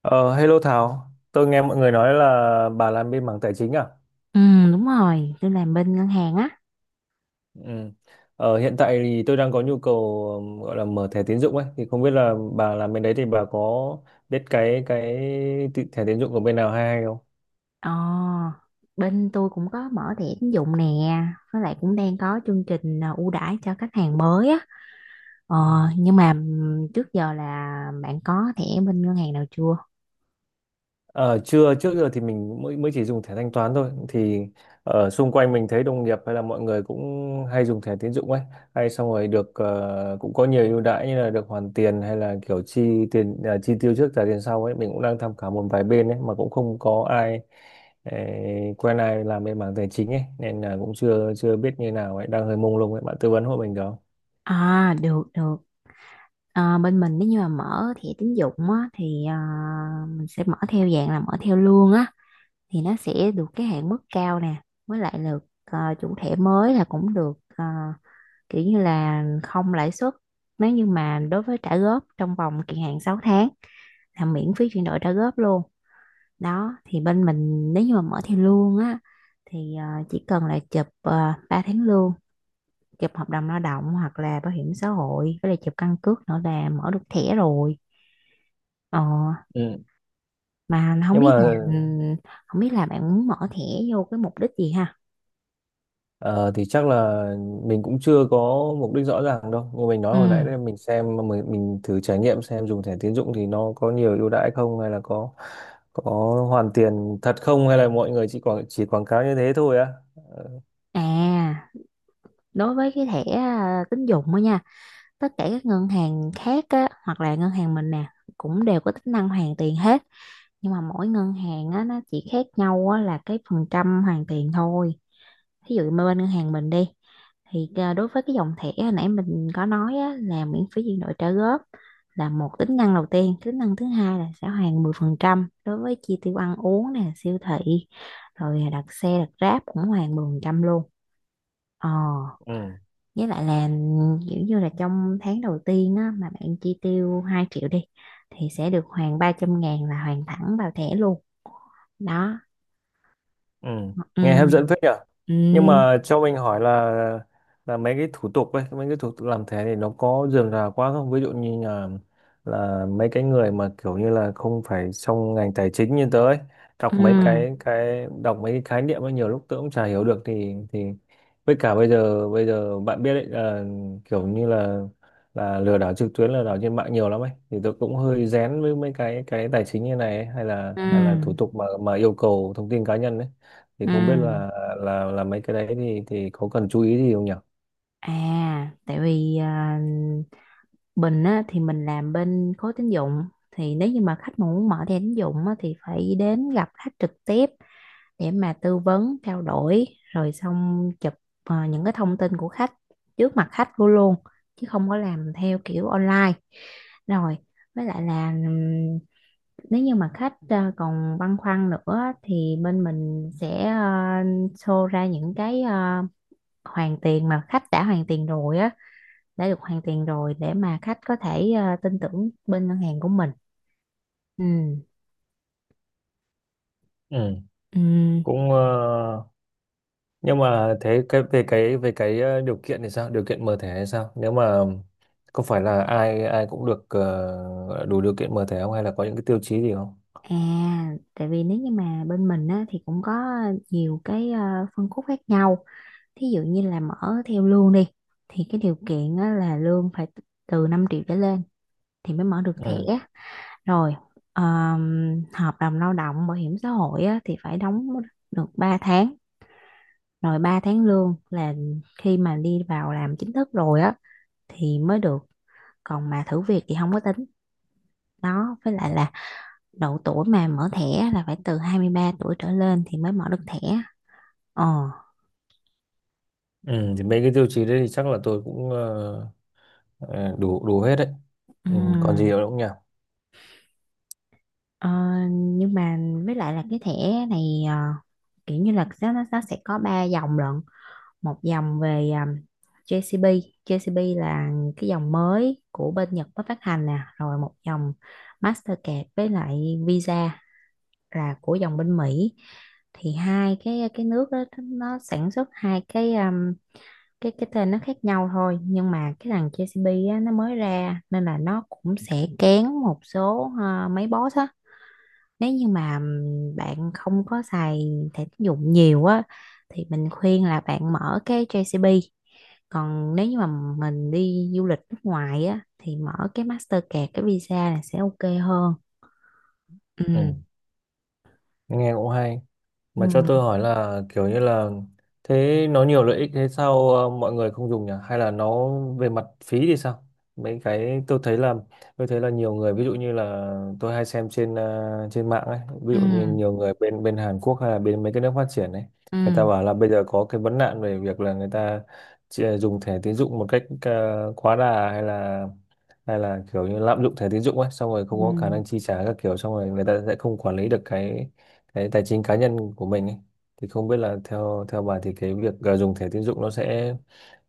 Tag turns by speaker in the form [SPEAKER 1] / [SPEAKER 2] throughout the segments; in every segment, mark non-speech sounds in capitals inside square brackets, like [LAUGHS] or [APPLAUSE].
[SPEAKER 1] Ờ, hello Thảo, tôi nghe mọi người nói là bà làm bên mảng tài chính à?
[SPEAKER 2] Ừ, đúng rồi, tôi làm bên ngân hàng á.
[SPEAKER 1] Ừ. Hiện tại thì tôi đang có nhu cầu gọi là mở thẻ tín dụng ấy, thì không biết là bà làm bên đấy thì bà có biết cái thẻ tín dụng của bên nào hay hay
[SPEAKER 2] Ờ, bên tôi cũng có mở thẻ tín dụng nè, với lại cũng đang có chương trình ưu đãi cho khách hàng mới á. Ờ,
[SPEAKER 1] không?
[SPEAKER 2] nhưng mà trước giờ là bạn có thẻ bên ngân hàng nào chưa?
[SPEAKER 1] Ờ, chưa, trước giờ thì mình mới mới chỉ dùng thẻ thanh toán thôi thì ở xung quanh mình thấy đồng nghiệp hay là mọi người cũng hay dùng thẻ tín dụng ấy, hay xong rồi được cũng có nhiều ưu đãi như là được hoàn tiền hay là kiểu chi tiền à, chi tiêu trước trả tiền sau ấy, mình cũng đang tham khảo một vài bên ấy mà cũng không có ai quen ai làm bên mảng tài chính ấy nên là cũng chưa chưa biết như nào ấy, đang hơi mông lung ấy, bạn tư vấn hộ mình được không?
[SPEAKER 2] À, được được. Bên mình nếu như mà mở thẻ tín dụng á thì mình sẽ mở theo dạng là mở theo lương á, thì nó sẽ được cái hạn mức cao nè, với lại được chủ thẻ mới là cũng được, kiểu như là không lãi suất, nếu như mà đối với trả góp trong vòng kỳ hạn 6 tháng là miễn phí chuyển đổi trả góp luôn. Đó thì bên mình nếu như mà mở theo lương á thì chỉ cần là chụp 3 tháng lương, chụp hợp đồng lao động hoặc là bảo hiểm xã hội, với lại chụp căn cước nữa là mở được thẻ rồi. ờ,
[SPEAKER 1] Ừ,
[SPEAKER 2] mà không
[SPEAKER 1] nhưng
[SPEAKER 2] biết là,
[SPEAKER 1] mà…
[SPEAKER 2] ừ, bạn muốn mở thẻ vô cái mục đích gì ha?
[SPEAKER 1] Ờ, thì chắc là mình cũng chưa có mục đích rõ ràng đâu. Như mình nói
[SPEAKER 2] Ừ.
[SPEAKER 1] hồi nãy đấy, mình xem mình thử trải nghiệm xem dùng thẻ tín dụng thì nó có nhiều ưu đãi không, hay là có hoàn tiền thật không, hay là mọi người chỉ quảng cáo như thế thôi á.
[SPEAKER 2] À, đối với cái thẻ tín dụng á nha, tất cả các ngân hàng khác á, hoặc là ngân hàng mình nè, cũng đều có tính năng hoàn tiền hết. Nhưng mà mỗi ngân hàng á, nó chỉ khác nhau á, là cái phần trăm hoàn tiền thôi. Ví dụ mà bên ngân hàng mình đi, thì đối với cái dòng thẻ hồi nãy mình có nói á, là miễn phí chuyển đổi trả góp là một tính năng đầu tiên. Tính năng thứ hai là sẽ hoàn 10% đối với chi tiêu ăn uống nè, siêu thị, rồi đặt xe, đặt Grab cũng hoàn 10% luôn. ờ
[SPEAKER 1] Ừ.
[SPEAKER 2] với lại là kiểu như là trong tháng đầu tiên á, mà bạn chi tiêu 2 triệu đi thì sẽ được hoàn 300.000, là hoàn thẳng vào thẻ luôn đó.
[SPEAKER 1] Ừ.
[SPEAKER 2] Ừ.
[SPEAKER 1] Nghe hấp dẫn phết nhở. Nhưng
[SPEAKER 2] Ừ.
[SPEAKER 1] mà cho mình hỏi là mấy cái thủ tục ấy, mấy cái thủ tục làm thế thì nó có rườm rà quá không? Ví dụ như là mấy cái người mà kiểu như là không phải trong ngành tài chính như tớ ấy, đọc mấy
[SPEAKER 2] Ừ.
[SPEAKER 1] cái đọc mấy cái khái niệm ấy nhiều lúc tớ cũng chả hiểu được thì với cả bây giờ bạn biết đấy là kiểu như là lừa đảo trực tuyến, lừa đảo trên mạng nhiều lắm ấy, thì tôi cũng hơi rén với mấy cái tài chính như này ấy, hay là
[SPEAKER 2] Ừ.
[SPEAKER 1] thủ tục mà yêu cầu thông tin cá nhân ấy thì
[SPEAKER 2] Ừ.
[SPEAKER 1] không biết là mấy cái đấy thì có cần chú ý gì không nhỉ?
[SPEAKER 2] À, tại vì Bình á, thì mình làm bên khối tín dụng, thì nếu như mà khách mà muốn mở thẻ tín dụng á, thì phải đến gặp khách trực tiếp để mà tư vấn, trao đổi, rồi xong chụp những cái thông tin của khách trước mặt khách của luôn, chứ không có làm theo kiểu online. Rồi với lại là, nếu như mà khách còn băn khoăn nữa, thì bên mình sẽ show ra những cái, hoàn tiền mà khách đã hoàn tiền rồi á, đã được hoàn tiền rồi, để mà khách có thể tin tưởng bên ngân hàng của mình. Ừ.
[SPEAKER 1] Ừ,
[SPEAKER 2] Ừ.
[SPEAKER 1] cũng ờ, nhưng mà thế cái về cái điều kiện thì sao? Điều kiện mở thẻ hay sao? Nếu mà có phải là ai ai cũng được đủ điều kiện mở thẻ không, hay là có những cái tiêu chí gì không?
[SPEAKER 2] À, tại vì nếu như mà bên mình á, thì cũng có nhiều cái phân khúc khác nhau. Thí dụ như là mở theo lương đi, thì cái điều kiện á, là lương phải từ 5 triệu trở lên thì mới mở được thẻ.
[SPEAKER 1] Ừ.
[SPEAKER 2] Rồi, hợp đồng lao động, bảo hiểm xã hội á, thì phải đóng được 3 tháng. Rồi 3 tháng lương là khi mà đi vào làm chính thức rồi á, thì mới được. Còn mà thử việc thì không có tính. Đó, với lại là độ tuổi mà mở thẻ là phải từ 23 tuổi trở lên thì mới mở được thẻ. ờ
[SPEAKER 1] Ừ, thì mấy cái tiêu chí đấy thì chắc là tôi cũng ờ, đủ đủ hết đấy. Ừ, còn gì
[SPEAKER 2] ừm.
[SPEAKER 1] nữa không nhỉ?
[SPEAKER 2] Ờ, nhưng mà với lại là cái thẻ này, kiểu như là nó sẽ có ba dòng lận, một dòng về, JCB. JCB là cái dòng mới của bên Nhật mới phát hành nè, rồi một dòng Mastercard với lại Visa là của dòng bên Mỹ. Thì hai cái nước đó nó sản xuất hai cái, cái tên nó khác nhau thôi, nhưng mà cái thằng JCB á, nó mới ra nên là nó cũng sẽ kén một số, mấy boss á. Nếu như mà bạn không có xài thẻ tín dụng nhiều á, thì mình khuyên là bạn mở cái JCB. Còn nếu như mà mình đi du lịch nước ngoài á thì mở cái Mastercard, cái Visa là sẽ ok hơn.
[SPEAKER 1] Ừ,
[SPEAKER 2] Ừ.
[SPEAKER 1] nghe cũng hay. Mà cho tôi
[SPEAKER 2] Ừ.
[SPEAKER 1] hỏi là kiểu như là thế nó nhiều lợi ích thế sao mọi người không dùng nhỉ? Hay là nó về mặt phí thì sao? Mấy cái tôi thấy là nhiều người, ví dụ như là tôi hay xem trên trên mạng ấy, ví
[SPEAKER 2] Ừ.
[SPEAKER 1] dụ như nhiều người bên bên Hàn Quốc hay là bên mấy cái nước phát triển ấy,
[SPEAKER 2] Ừ.
[SPEAKER 1] người ta bảo là bây giờ có cái vấn nạn về việc là người ta dùng thẻ tín dụng một cách quá đà, hay là kiểu như lạm dụng thẻ tín dụng ấy, xong rồi không có khả
[SPEAKER 2] Ừ.
[SPEAKER 1] năng chi trả các kiểu, xong rồi người ta sẽ không quản lý được cái tài chính cá nhân của mình ấy. Thì không biết là theo theo bà thì cái việc dùng thẻ tín dụng nó sẽ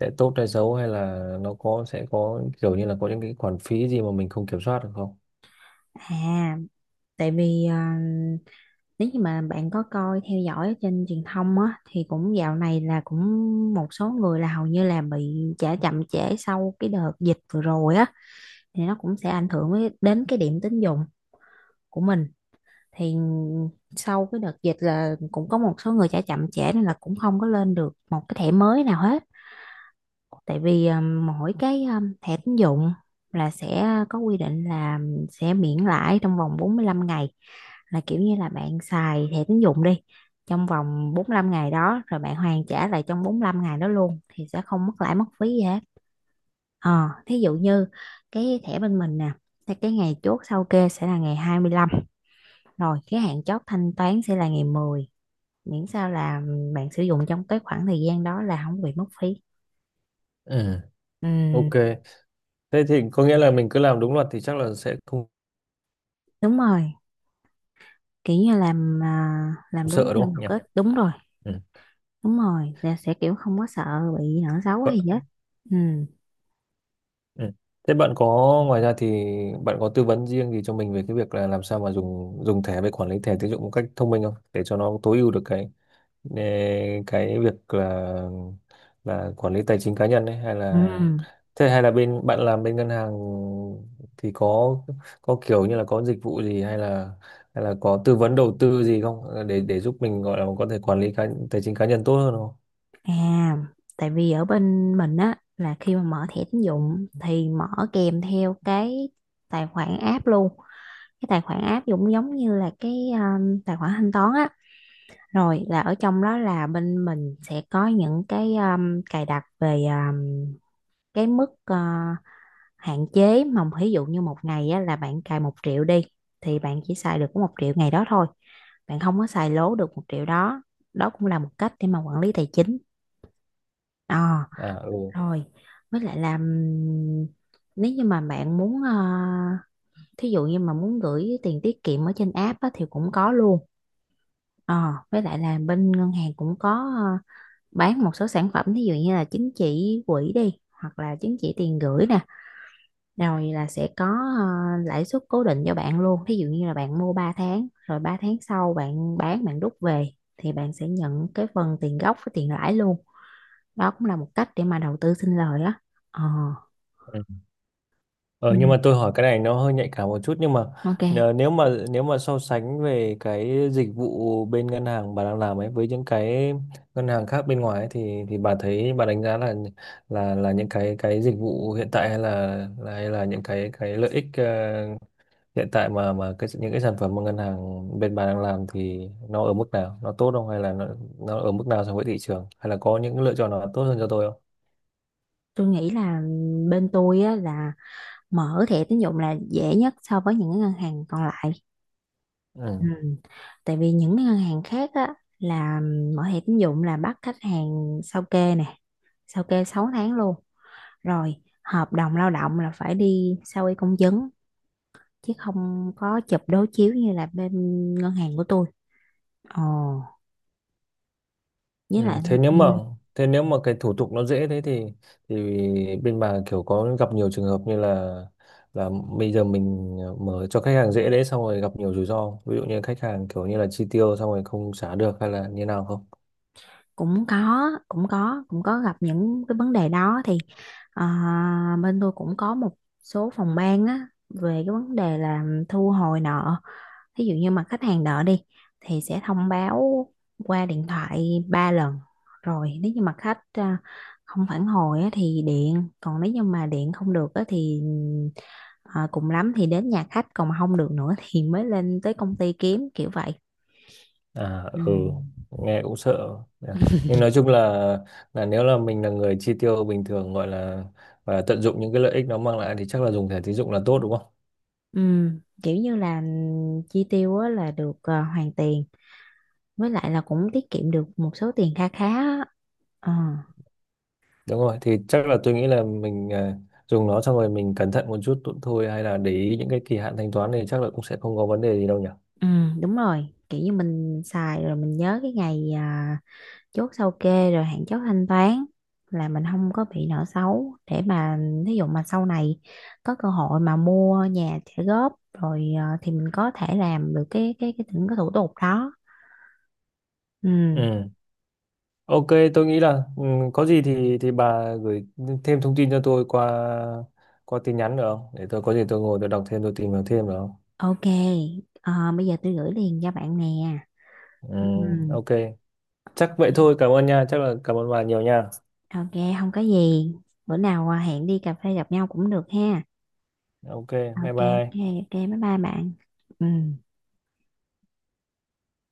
[SPEAKER 1] tốt hay xấu, hay là nó có sẽ có kiểu như là có những cái khoản phí gì mà mình không kiểm soát được không?
[SPEAKER 2] À, tại vì nếu như mà bạn có coi theo dõi ở trên truyền thông á, thì cũng dạo này là cũng một số người là hầu như là bị trả chậm trễ sau cái đợt dịch vừa rồi á, thì nó cũng sẽ ảnh hưởng đến cái điểm tín dụng của mình. Thì sau cái đợt dịch là cũng có một số người trả chậm trễ, nên là cũng không có lên được một cái thẻ mới nào hết. Tại vì mỗi cái, thẻ tín dụng là sẽ có quy định là sẽ miễn lãi trong vòng 45 ngày, là kiểu như là bạn xài thẻ tín dụng đi trong vòng 45 ngày đó, rồi bạn hoàn trả lại trong 45 ngày đó luôn, thì sẽ không mất lãi mất phí gì hết. Thí dụ như cái thẻ bên mình nè, thì cái ngày chốt sau kê sẽ là ngày 25, rồi cái hạn chót thanh toán sẽ là ngày 10. Miễn sao là bạn sử dụng trong cái khoảng thời gian đó là không bị mất phí.
[SPEAKER 1] Ừ,
[SPEAKER 2] Ừ,
[SPEAKER 1] ok. Thế thì có nghĩa là mình cứ làm đúng luật thì chắc là sẽ không
[SPEAKER 2] đúng rồi, kiểu như làm đúng
[SPEAKER 1] sợ, đúng
[SPEAKER 2] theo
[SPEAKER 1] không
[SPEAKER 2] luật
[SPEAKER 1] nhỉ?
[SPEAKER 2] á, đúng rồi.
[SPEAKER 1] Ừ.
[SPEAKER 2] Đúng rồi, là sẽ kiểu không có sợ bị nợ xấu hay
[SPEAKER 1] Bạn-
[SPEAKER 2] gì hết. Ừ.
[SPEAKER 1] ừ. Thế bạn có ngoài ra thì bạn có tư vấn riêng gì cho mình về cái việc là làm sao mà dùng dùng thẻ với quản lý thẻ tín dụng một cách thông minh không, để cho nó tối ưu được cái Ờ, cái việc là quản lý tài chính cá nhân ấy, hay
[SPEAKER 2] Ừ.
[SPEAKER 1] là thế hay là bên bạn làm bên ngân hàng thì có kiểu như là có dịch vụ gì hay là có tư vấn đầu tư gì không, để để giúp mình, gọi là có thể quản lý cá, tài chính cá nhân tốt hơn không?
[SPEAKER 2] À, tại vì ở bên mình á, là khi mà mở thẻ tín dụng thì mở kèm theo cái tài khoản app luôn. Cái tài khoản app cũng giống như là cái, tài khoản thanh toán á. Rồi là ở trong đó là bên mình sẽ có những cái, cài đặt về, cái mức, hạn chế mà ví dụ như một ngày á, là bạn cài 1 triệu đi, thì bạn chỉ xài được có 1 triệu ngày đó thôi, bạn không có xài lố được 1 triệu đó. Đó cũng là một cách để mà quản lý tài chính. Ờ
[SPEAKER 1] À,
[SPEAKER 2] Rồi với lại là, nếu như mà bạn muốn, thí dụ như mà muốn gửi tiền tiết kiệm ở trên app á, thì cũng có luôn. Với lại là bên ngân hàng cũng có, bán một số sản phẩm, thí dụ như là chứng chỉ quỹ đi, hoặc là chứng chỉ tiền gửi nè, rồi là sẽ có lãi suất cố định cho bạn luôn. Thí dụ như là bạn mua 3 tháng, rồi 3 tháng sau bạn bán, bạn rút về, thì bạn sẽ nhận cái phần tiền gốc với tiền lãi luôn. Đó cũng là một cách để mà đầu tư sinh lời á. ờ
[SPEAKER 1] ừ. Ờ,
[SPEAKER 2] ừ,
[SPEAKER 1] nhưng mà tôi hỏi cái này nó hơi nhạy cảm một chút, nhưng mà
[SPEAKER 2] ok,
[SPEAKER 1] nhờ- nếu mà so sánh về cái dịch vụ bên ngân hàng bà đang làm ấy với những cái ngân hàng khác bên ngoài ấy, thì bà thấy bà đánh giá là những cái dịch vụ hiện tại hay là- hay là những cái lợi ích hiện tại mà cái những cái sản phẩm mà ngân hàng bên bà đang làm thì nó ở mức nào, nó tốt không hay là nó ở mức nào so với thị trường, hay là có những lựa chọn nào tốt hơn cho tôi không?
[SPEAKER 2] tôi nghĩ là bên tôi á, là mở thẻ tín dụng là dễ nhất so với những cái ngân hàng còn lại. Ừ.
[SPEAKER 1] Ừ.
[SPEAKER 2] Tại vì những cái ngân hàng khác á, là mở thẻ tín dụng là bắt khách hàng sao kê nè, sao kê 6 tháng luôn. Rồi hợp đồng lao động là phải đi sao y công chứng, chứ không có chụp đối chiếu như là bên ngân hàng của tôi. Ồ, với
[SPEAKER 1] Ừ,
[SPEAKER 2] lại, ừ,
[SPEAKER 1] thế nếu mà cái thủ tục nó dễ thế thì thì bên bà kiểu có gặp nhiều trường hợp như là là bây giờ mình mở cho khách hàng dễ đấy xong rồi gặp nhiều rủi ro không? Ví dụ như khách hàng kiểu như là chi tiêu xong rồi không trả được hay là như nào không.
[SPEAKER 2] cũng có cũng có gặp những cái vấn đề đó, thì bên tôi cũng có một số phòng ban á về cái vấn đề là thu hồi nợ. Thí dụ như mà khách hàng đợi đi, thì sẽ thông báo qua điện thoại 3 lần, rồi nếu như mà khách, không phản hồi á, thì điện. Còn nếu như mà điện không được á, thì cùng lắm thì đến nhà khách. Còn mà không được nữa [LAUGHS] thì mới lên tới công ty kiếm, kiểu vậy.
[SPEAKER 1] À
[SPEAKER 2] Ừ.
[SPEAKER 1] ừ, nghe cũng sợ. À, nhưng nói chung là nếu là mình là người chi tiêu bình thường, gọi là và tận dụng những cái lợi ích nó mang lại thì chắc là dùng thẻ tín dụng là tốt đúng không?
[SPEAKER 2] Ừ, kiểu như là chi tiêu á, là được, hoàn tiền, với lại là cũng tiết kiệm được một số tiền kha khá á. Ờ,
[SPEAKER 1] Đúng rồi, thì chắc là tôi nghĩ là mình à, dùng nó xong rồi mình cẩn thận một chút thôi, hay là để ý những cái kỳ hạn thanh toán thì chắc là cũng sẽ không có vấn đề gì đâu nhỉ.
[SPEAKER 2] ừ, đúng rồi, kiểu như mình xài rồi mình nhớ cái ngày, chốt sao kê rồi hạn chót thanh toán, là mình không có bị nợ xấu, để mà ví dụ mà sau này có cơ hội mà mua nhà trả góp rồi, thì mình có thể làm được cái những cái thủ tục đó. Ừ.
[SPEAKER 1] Ừ. Ok, tôi nghĩ là ừ, có gì thì bà gửi thêm thông tin cho tôi qua qua tin nhắn được không? Để tôi có gì tôi ngồi đọc thêm, tôi tìm hiểu thêm được không?
[SPEAKER 2] Ok. Bây giờ tôi gửi liền cho bạn nè.
[SPEAKER 1] Ừ,
[SPEAKER 2] Ừ.
[SPEAKER 1] ok. Chắc vậy thôi, cảm ơn nha, chắc là cảm ơn bà nhiều nha.
[SPEAKER 2] Ok. Không có gì. Bữa nào hẹn đi cà phê gặp nhau cũng được ha.
[SPEAKER 1] Ok, bye
[SPEAKER 2] Ok. Ok.
[SPEAKER 1] bye.
[SPEAKER 2] Ok, bye bye bạn. Ừ.